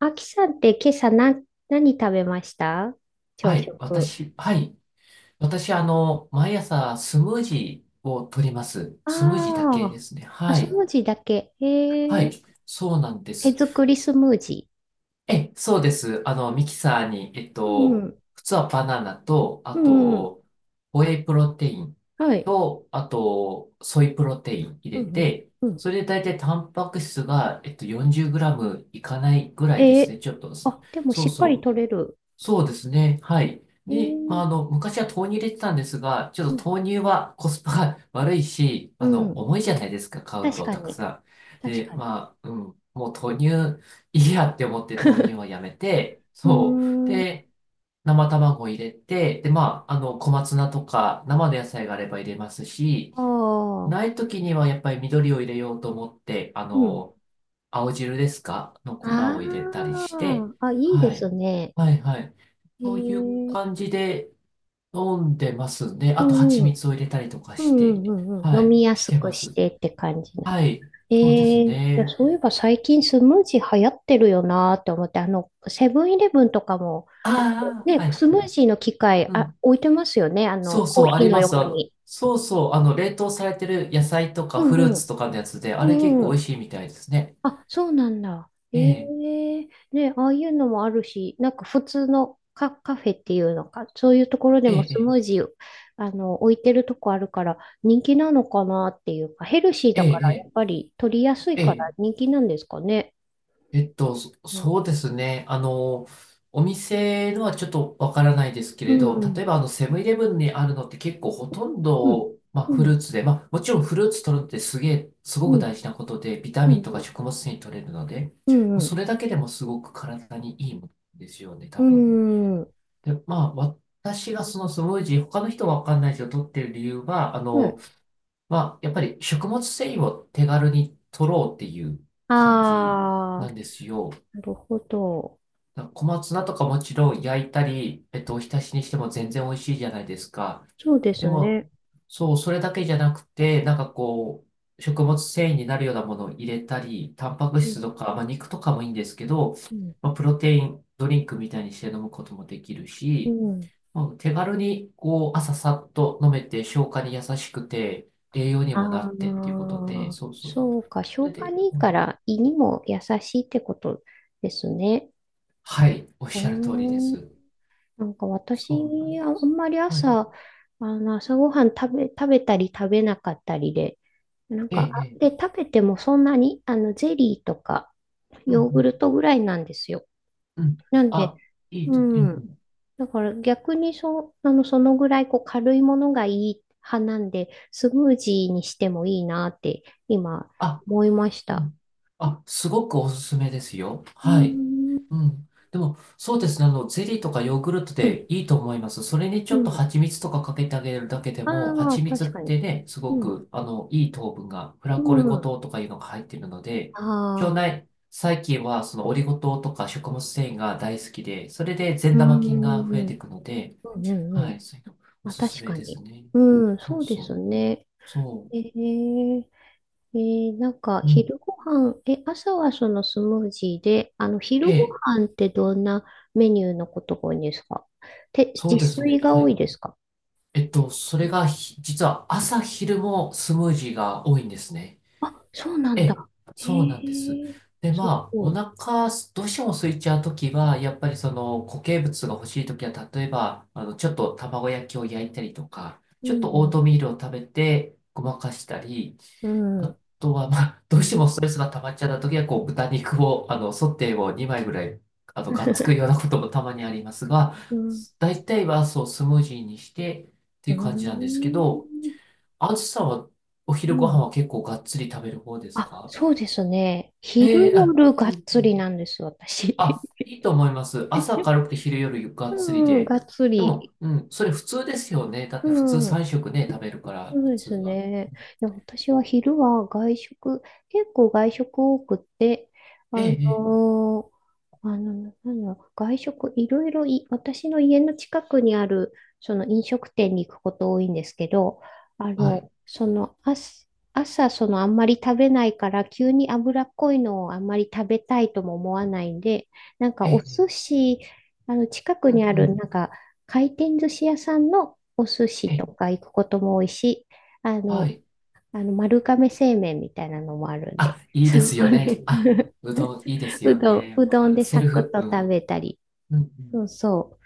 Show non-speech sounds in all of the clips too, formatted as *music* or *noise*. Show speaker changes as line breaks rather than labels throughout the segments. あきさんって今朝な、何食べました朝
はい、
食。
私、はい。私、毎朝スムージーを取ります。
あ
スムージーだけで
あ、
すね。
あ、
は
ス
い。
ムージーだけ。
は
へえ、
い。そうなんで
手
す。
作りスムージ
え、そうです。ミキサーに、
ー。うん、
普通はバナナと、あ
うん、うん
と、ホエイプロテイン
はい。
と、あと、ソイプロテイン入
う
れ
ん、
て、
うん、うん。
それで大体タンパク質が、40グラムいかないぐらいで
え
すね。
え、
ちょっと、
あ、でも
そ
し
う
っか
そ
り
う。
取れる。
そうですね。はい。
え
で、まあ、
え、
昔は豆乳入れてたんですが、ちょ
う
っ
ん、
と豆乳はコスパが *laughs* 悪いし、
うん。
重いじゃないですか、買う
確
と
か
たく
に、
さん。
確
で、
かに。
まあ、うん、もう豆乳いいやって思って豆乳はや
*laughs*
めて、
うー
そう。
ん、あ
で、生卵を入れて、で、まあ、小松菜とか生の野菜があれば入れますし、
あ、
ないときにはやっぱり緑を入れようと思って、
うん。
青汁ですかの粉を入れたり
あ
して、
あ、あ、いいで
はい。
すね。
はいはい。
え
そういう
え、
感じで飲んでますね。
う
あと蜂
ん、うん、
蜜を入れたりとか
う
して、
ん、うん、うん。うん
は
飲
い、
みや
し
す
て
く
ま
し
す。
てって感じ
はい、
え
そうです
いや、
ね。
そういえば最近スムージー流行ってるよなーって思って、セブンイレブンとかも、
あ
あの
あ、
ね、
はい
ス
は
ムー
い。
ジーの機械、
う
あ、
ん。
置いてますよね、あの、
そう
コー
そう、あ
ヒ
り
ーの
ます。
横に。
そうそう、冷凍されてる野菜と
う
かフルー
んう
ツ
ん。
とかのやつで、あ
う
れ結
んう
構美味
ん。
しいみたいですね。
あ、そうなんだ。
え
え
え、
えね、ああいうのもあるし、なんか普通のカフェっていうのか、そういうところで
え
もス
え、
ムージー、置いてるとこあるから、人気なのかなっていうか、ヘルシー
え
だ
え、
から、
え
やっ
え、
ぱり取りやすい
え
から
え。
人気なんですかね。
そ
うん。
そうですね。お店のはちょっとわからないですけ
う
れど、
ん
例えばあのセブンイレブンにあるのって結構ほとん
うん、
ど、まあ、
う
フルー
ん、
ツで、まあ、もちろんフルーツ取るのってすげえ、すご
う
く大
ん、
事なことで、ビタ
う
ミンとか
ん、
食物繊維取れるので、も
う
うそ
ん、
れだけでもすごく体にいいものですよね、多
う
分。
ん、うん、
で、まあ、私がそのスムージー、他の人はわかんないけど、取ってる理由は、
はい。
まあ、やっぱり食物繊維を手軽に取ろうっていう感じ
あ
な
あ、
んですよ。
なるほど。
なんか小松菜とかもちろん焼いたり、お浸しにしても全然美味しいじゃないですか。
そうで
で
す
も、
ね。
そう、それだけじゃなくて、なんかこう、食物繊維になるようなものを入れたり、タンパク
う
質
ん、
とか、まあ、肉とかもいいんですけど、
うん、
まあ、プロテインドリンクみたいにして飲むこともできる
う
し、
ん。
まあ、手軽にこう、朝さっと飲めて、消化に優しくて、栄養にもなってっていう
あ
ことで、
あ、
そうそう。
そうか。
そ
消
れ
化
で、
にいいか
はい、
ら胃にも優しいってことですね。
はいおっしゃる通りで
おー、
す。
なんか
そうな
私、
ん
あ
で
あん
す。
まり
はい。
朝、朝ごはん食べたり食べなかったりで、なん
え
か、
え、え
食べてもそんなに、あの、ゼリーとか、
う
ヨーグ
ん、
ルトぐらいなんですよ。
うん、うん。
なんで、
あ、いい
うう
と、うん、う
んん。
ん。
だから逆にそ、あの、そのぐらいこう軽いものがいい派なんで、スムージーにしてもいいなって今
あ、
思いまし
う
た。
ん。あ、すごくおすすめですよ。
うー
はい。
ん。
うん。でも、そうですね。ゼリーとかヨーグルト
う
で
ん。
いいと思います。それにち
う
ょっと
ん。
蜂蜜とかかけてあげるだけで
あ
も、
あ、
蜂蜜っ
確かに。
てね、すご
うん。
く、いい糖分が、フラ
う
コリゴ
ん。
糖とかいうのが入っているので、
あ
腸
あ、
内細菌は、そのオリゴ糖とか食物繊維が大好きで、それで善
うー
玉
ん。
菌が増え
うん
ていくので、
うんう
は
ん。
い、そういうのお
まあ、
すす
確
め
か
です
に。
ね。
うん、
そ
そ
う
うで
そ
す
う。
ね。
そ
え
う。
えなんか、
うん。
昼ご飯、え、朝はそのスムージーで、あの、昼
え
ご
え、
飯ってどんなメニューのことが多いんですか？て、自
そうですね。
炊が
は
多い
い。
ですか？
それがひ、実は朝昼もスムージーが多いんですね。
そうな
え
ん
え、
だ。へ
そうなんです。
え、
で、
す
まあ、
ご
お
い。
腹、どうしても空いちゃうときは、やっぱりその固形物が欲しいときは、例えば、ちょっと卵焼きを焼いたりとか、
う
ちょっとオー
ん、
トミールを食べてごまかしたり、
う
あ
ん、
とは、まあ、*laughs* どうしてもストレスが溜まっちゃったときは、こう、豚肉を、ソテーを2枚ぐらい、
*laughs*
がっつく
う
ようなこともたまにありますが、
ん、
大体は、そう、スムージーにしてって
う
いう感じなんですけ
ん、
ど、あずさんはお
う
昼ご飯
ん。
は結構がっつり食べる方です
あ、
か？
そうですね。昼
へえ、あ、
夜がっ
うんう
つり
ん。
なんです、私。
あ、いいと思います。朝軽
*laughs*
くて昼夜ゆ
う
っつり
ん、
で。
がっつ
で
り。
も、うん、それ普通ですよね。だっ
う
て普通
ん。
3食ね、食べるか
そ
ら、普
うで
通
す
は。
ね。いや、私は昼は外食、結構外食多くて、あ
ええ、
の
ええ、
ーあの、なんだろう、外食いろいろい、私の家の近くにある、その飲食店に行くこと多いんですけど、あ
はい。
の、その、朝、そのあんまり食べないから、急に脂っこいのをあんまり食べたいとも思わないんで、なんか
え
お
え、え
寿
え
司、あの、近く
う
に
ん
あ
う
る、
ん、
なんか、回転寿司屋さんのお寿
え
司
え、
とか行くことも多いし、あ
は
の、
い。
あの丸亀製麺みたいなのもあるん
あ、
で、
いい
そ
で
こ
すよね。あ、
で
うどんいいで
*laughs*
すよね。
う
わ
ど
か
ん
る。
で
セ
サ
ル
クッ
フ、う
と食
ん。
べたり。
う
そ
ん
うそ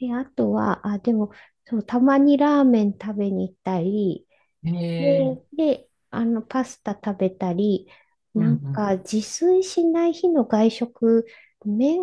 う。え、あとは、あ、でも、そう、たまにラーメン食べに行ったり、
うん。ええ、
で、あの、パスタ食べたり、
うん
な
う
ん
ん、
か、自炊しない日の外食、麺、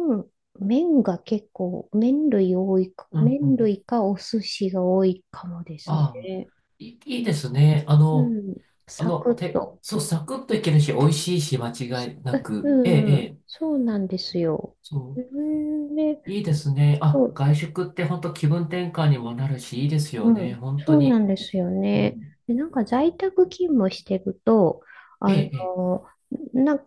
麺が結構、麺類多いか、
うんう
麺
ん。
類かお寿司が多いかもです
ああ、
ね。
いいですね。
うん、サクッと。
そう、サクッといけるし、美味しいし、間
す
違いな
う
く。ええ、
ん
え
うん、
え。
そうなんですよ。
そ
う
う。
んで、
いいですね。
そ
あ、
う、
外食って本当気分転換にもなるし、いいです
う
よね。
ん、
本当
そうなん
に。
ですよ
う
ね。
ん。
で、なんか在宅勤務してると、
ええ、
あの、
ええ。
な、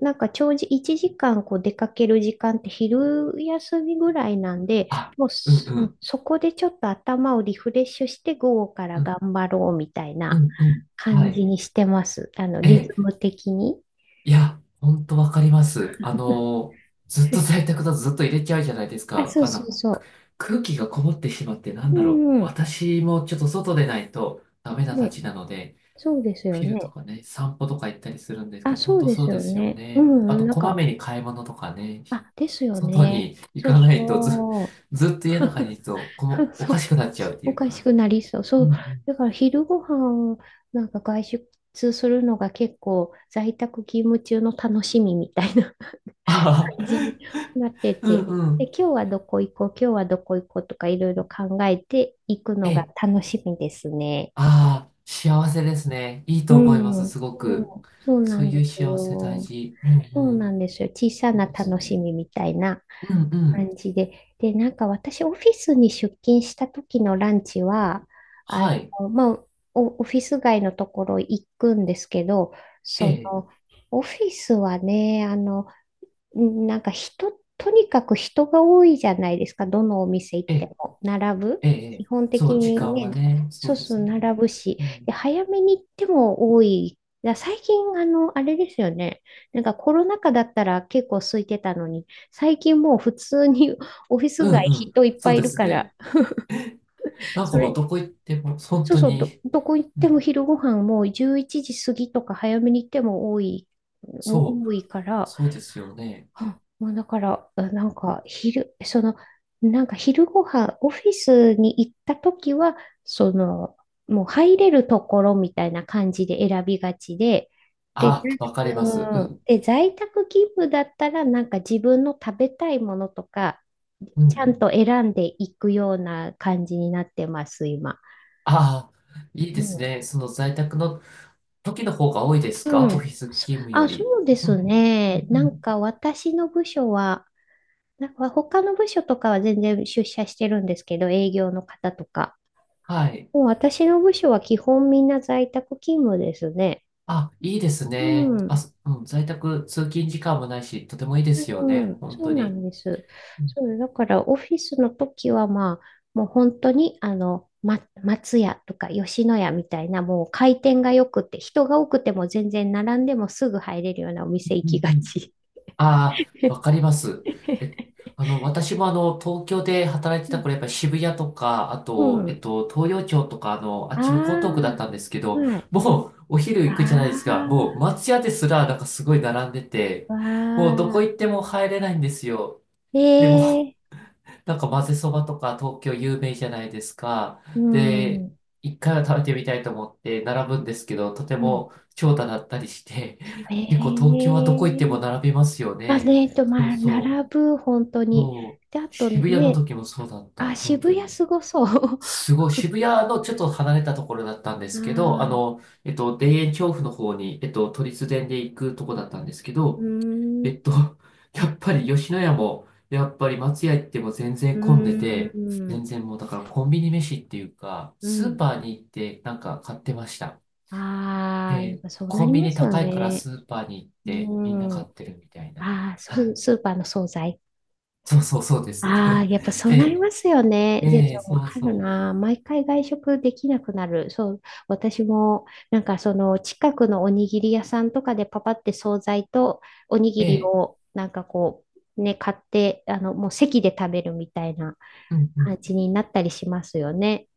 なんか長時、1時間こう出かける時間って昼休みぐらいなんで、
あ、
もう
うん
そ、
うん。
そこでちょっと頭をリフレッシュして午後から
うん、
頑張ろうみたいな
うん、うん。は
感
い。
じにしてます。あの、
え
リズ
え。
ム的に。
いや、本当わかります。
*laughs*
ずっと在宅だとずっと入れちゃうじゃないです
あ、
か。
そうそうそう。
空気がこもってしまってなん
う
だろう。
んうん。
私もちょっと外でないとダメなた
ね、
ちなので、
そうです
お
よ
昼と
ね。
かね、散歩とか行ったりするんですけ
あ、
ど、本
そう
当
で
そ
す
う
よ
ですよ
ね。う
ね。あ
んうん、
と、
なん
こま
か、
めに買い物とかね、
あ、ですよ
外
ね。
に行
そう
かないとず、
そ
ずっと
う。
家の中にい
*laughs*
ると、この、お
そう、
かしくなっちゃうって
お
いう
かし
か。
くなりそう。
う
そう。
んうん。
だから昼ご飯なんか外出するのが結構在宅勤務中の楽しみみたいな *laughs*
*laughs* ああ、
感じになって
うん
て。
う
で、
ん。
今日はどこ行こう、今日はどこ行こうとかいろいろ考えていく
え
のが
え、
楽しみですね。
ああ、幸せですね。いい
う
と思いま
ん。
す、
う
す
ん、
ごく。
そうな
そう
ん
い
で
う
す
幸せ大
よ。
事。う
そう
んうん。
なんですよ。小さ
いい
な
です
楽し
ね。
みみたいな
うんうん。
感じで。で、なんか私、オフィスに出勤した時のランチは、あ
はい。
の、まあ、おオフィス街のところ行くんですけど、
え
そ
え、
の、オフィスはね、あの、なんか人、とにかく人が多いじゃないですか、どのお店行っ
え
て
え、
も。並ぶ。
ええ、え
基
え
本
そ
的
う、時
に
間は
ね、
ね、そ
そ
う
う
で
そう、
すね。
並ぶし。
う
で、
ん
早めに行っても多い。だ最近、あの、あれですよね。なんかコロナ禍だったら結構空いてたのに、最近もう普通に *laughs* オフィス
う
街
んうん。
人いっぱ
そう
いい
で
る
す
か
ね。
ら、
なんか
そ
もう
れ、
どこ行っても、本
そう
当
そう、
に、
どこ行っ
う
ても
ん、
昼ご飯もう11時過ぎとか早めに行っても多い、も
そ
う
う、
多いから、
そうですよね。
あなんか昼、その、なんか昼ご飯、オフィスに行った時は、その、もう入れるところみたいな感じで選びがちで、で、ざ
あ、わかります。う
うん
ん。
で、在宅勤務だったら、なんか自分の食べたいものとか、
うんう
ちゃん
ん。
と選んでいくような感じになってます、今。
ああ、いい
う
です
ん。
ね。その在宅の時の方が多いです
う
か？オフィ
ん。
ス勤務より。
そうで
う
す
ん。う
ね。
んう
なん
ん。
か私の部署は、なんか他の部署とかは全然出社してるんですけど、営業の方とか。
はい。
もう私の部署は基本みんな在宅勤務ですね。
あ、いいです
う
ね。
うん。
あ、
ん。
そうん、在宅通勤時間もないし、とてもいいですよ
う
ね。
ん。
本
そ
当
うな
に。
んです。
うん
そう、だからオフィスの時はまあ、もう本当にあの、ま、松屋とか吉野家みたいなもう回転が良くて、人が多くても全然並んでもすぐ入れるようなお店行
う
き
ん
が
うん
ち。
ああ、わかります。え、私も東京で働いて
う
た
ん。
頃、やっぱり渋谷とか、あ
う
と、
ん
東洋町とか、あ
あ
っちの江東区だったんですけ
あ、
ど、
はい。
もう、お昼行くじゃないですか、もう、
あ
松屋ですら、なんかすごい並んでて、
あ、
もう、ど
わ
こ
あ。
行っても入れないんですよ。でも、
ええ
なんか混ぜそばとか東京有名じゃないですか。
う
で、
ん。
一回は食べてみたいと思って並ぶんですけど、とて
うん。
も長蛇だったりして、*laughs* 結構東
え
京はどこ行っても
え
並びますよ
まあ
ね。
ね、えっと、
そう
まあ、
そ
並ぶ、本当
う。
に。
もう、
で、あと
渋谷の
ね、
時もそうだった。
あ、
本
渋
当
谷
に。
すごそう。
すごい、渋
*laughs*
谷のちょっと離れたところだったんで
ああ、
すけど、
う
田園調布の方に、都立電で行くとこだったんですけ
ー
ど、
ん、
え
う
っと、*laughs* やっぱり吉野家も、やっぱり松屋行っても全然混んで
ー
て、
ん、
全然もうだからコンビニ飯っていうか、
う
スー
ん。
パーに行ってなんか買ってました。
ああ、やっ
え
ぱそうな
コ
り
ンビ
ま
ニ
すよ
高いから
ね。
スーパーに行って
う
みんな
ん。
買ってるみたいな。
ああ、
はい。
スーパーの惣菜。
そうそうそうです。
ああ、
*laughs*
やっぱそ
え
うなり
え、
ますよね。ジェイ
ええ、
さんわ
そう
かる
そ
な。毎回外食できなくなる。そう、私も、なんかその近くのおにぎり屋さんとかでパパって惣菜とおにぎ
う。え
り
え、
をなんかこう、ね、買って、あの、もう席で食べるみたいな
うんう
感
ん。
じになったりしますよね。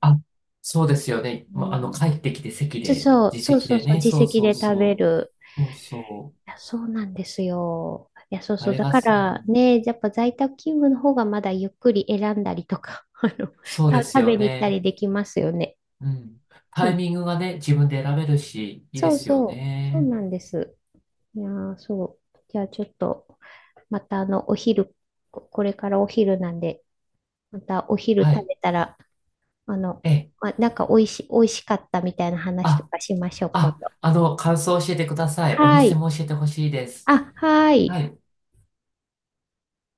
あ、そうですよね。
う
まあ、帰
ん、
ってきて席
そう
で、
そう、
自
そう
席
そう
で
そう、
ね。
自
そう
席
そう
で食べ
そ
る。
う。そうそう。
いや、そうなんですよ。いや、そう
あ
そう。
れ
だ
が
か
う
ら
ん
ね、やっぱ在宅勤務の方がまだゆっくり選んだりとか、*laughs* あの、
そうです
食べ
よ
に行ったり
ね。
できますよね。
うん。
う
タイ
ん。
ミングがね、自分で選べるし、いいで
そう
すよ
そう。そう
ね。
なんです。いやー、そう。じゃあちょっと、またあの、お昼、これからお昼なんで、またお昼
は
食
い。
べたら、あの、
ええ。
ま、おいしかったみたいな話と
あ、
かしましょう、今度。
感想を教えてください。お
は
店
い。
も教えてほしいです。
あ、は
は
い。
い。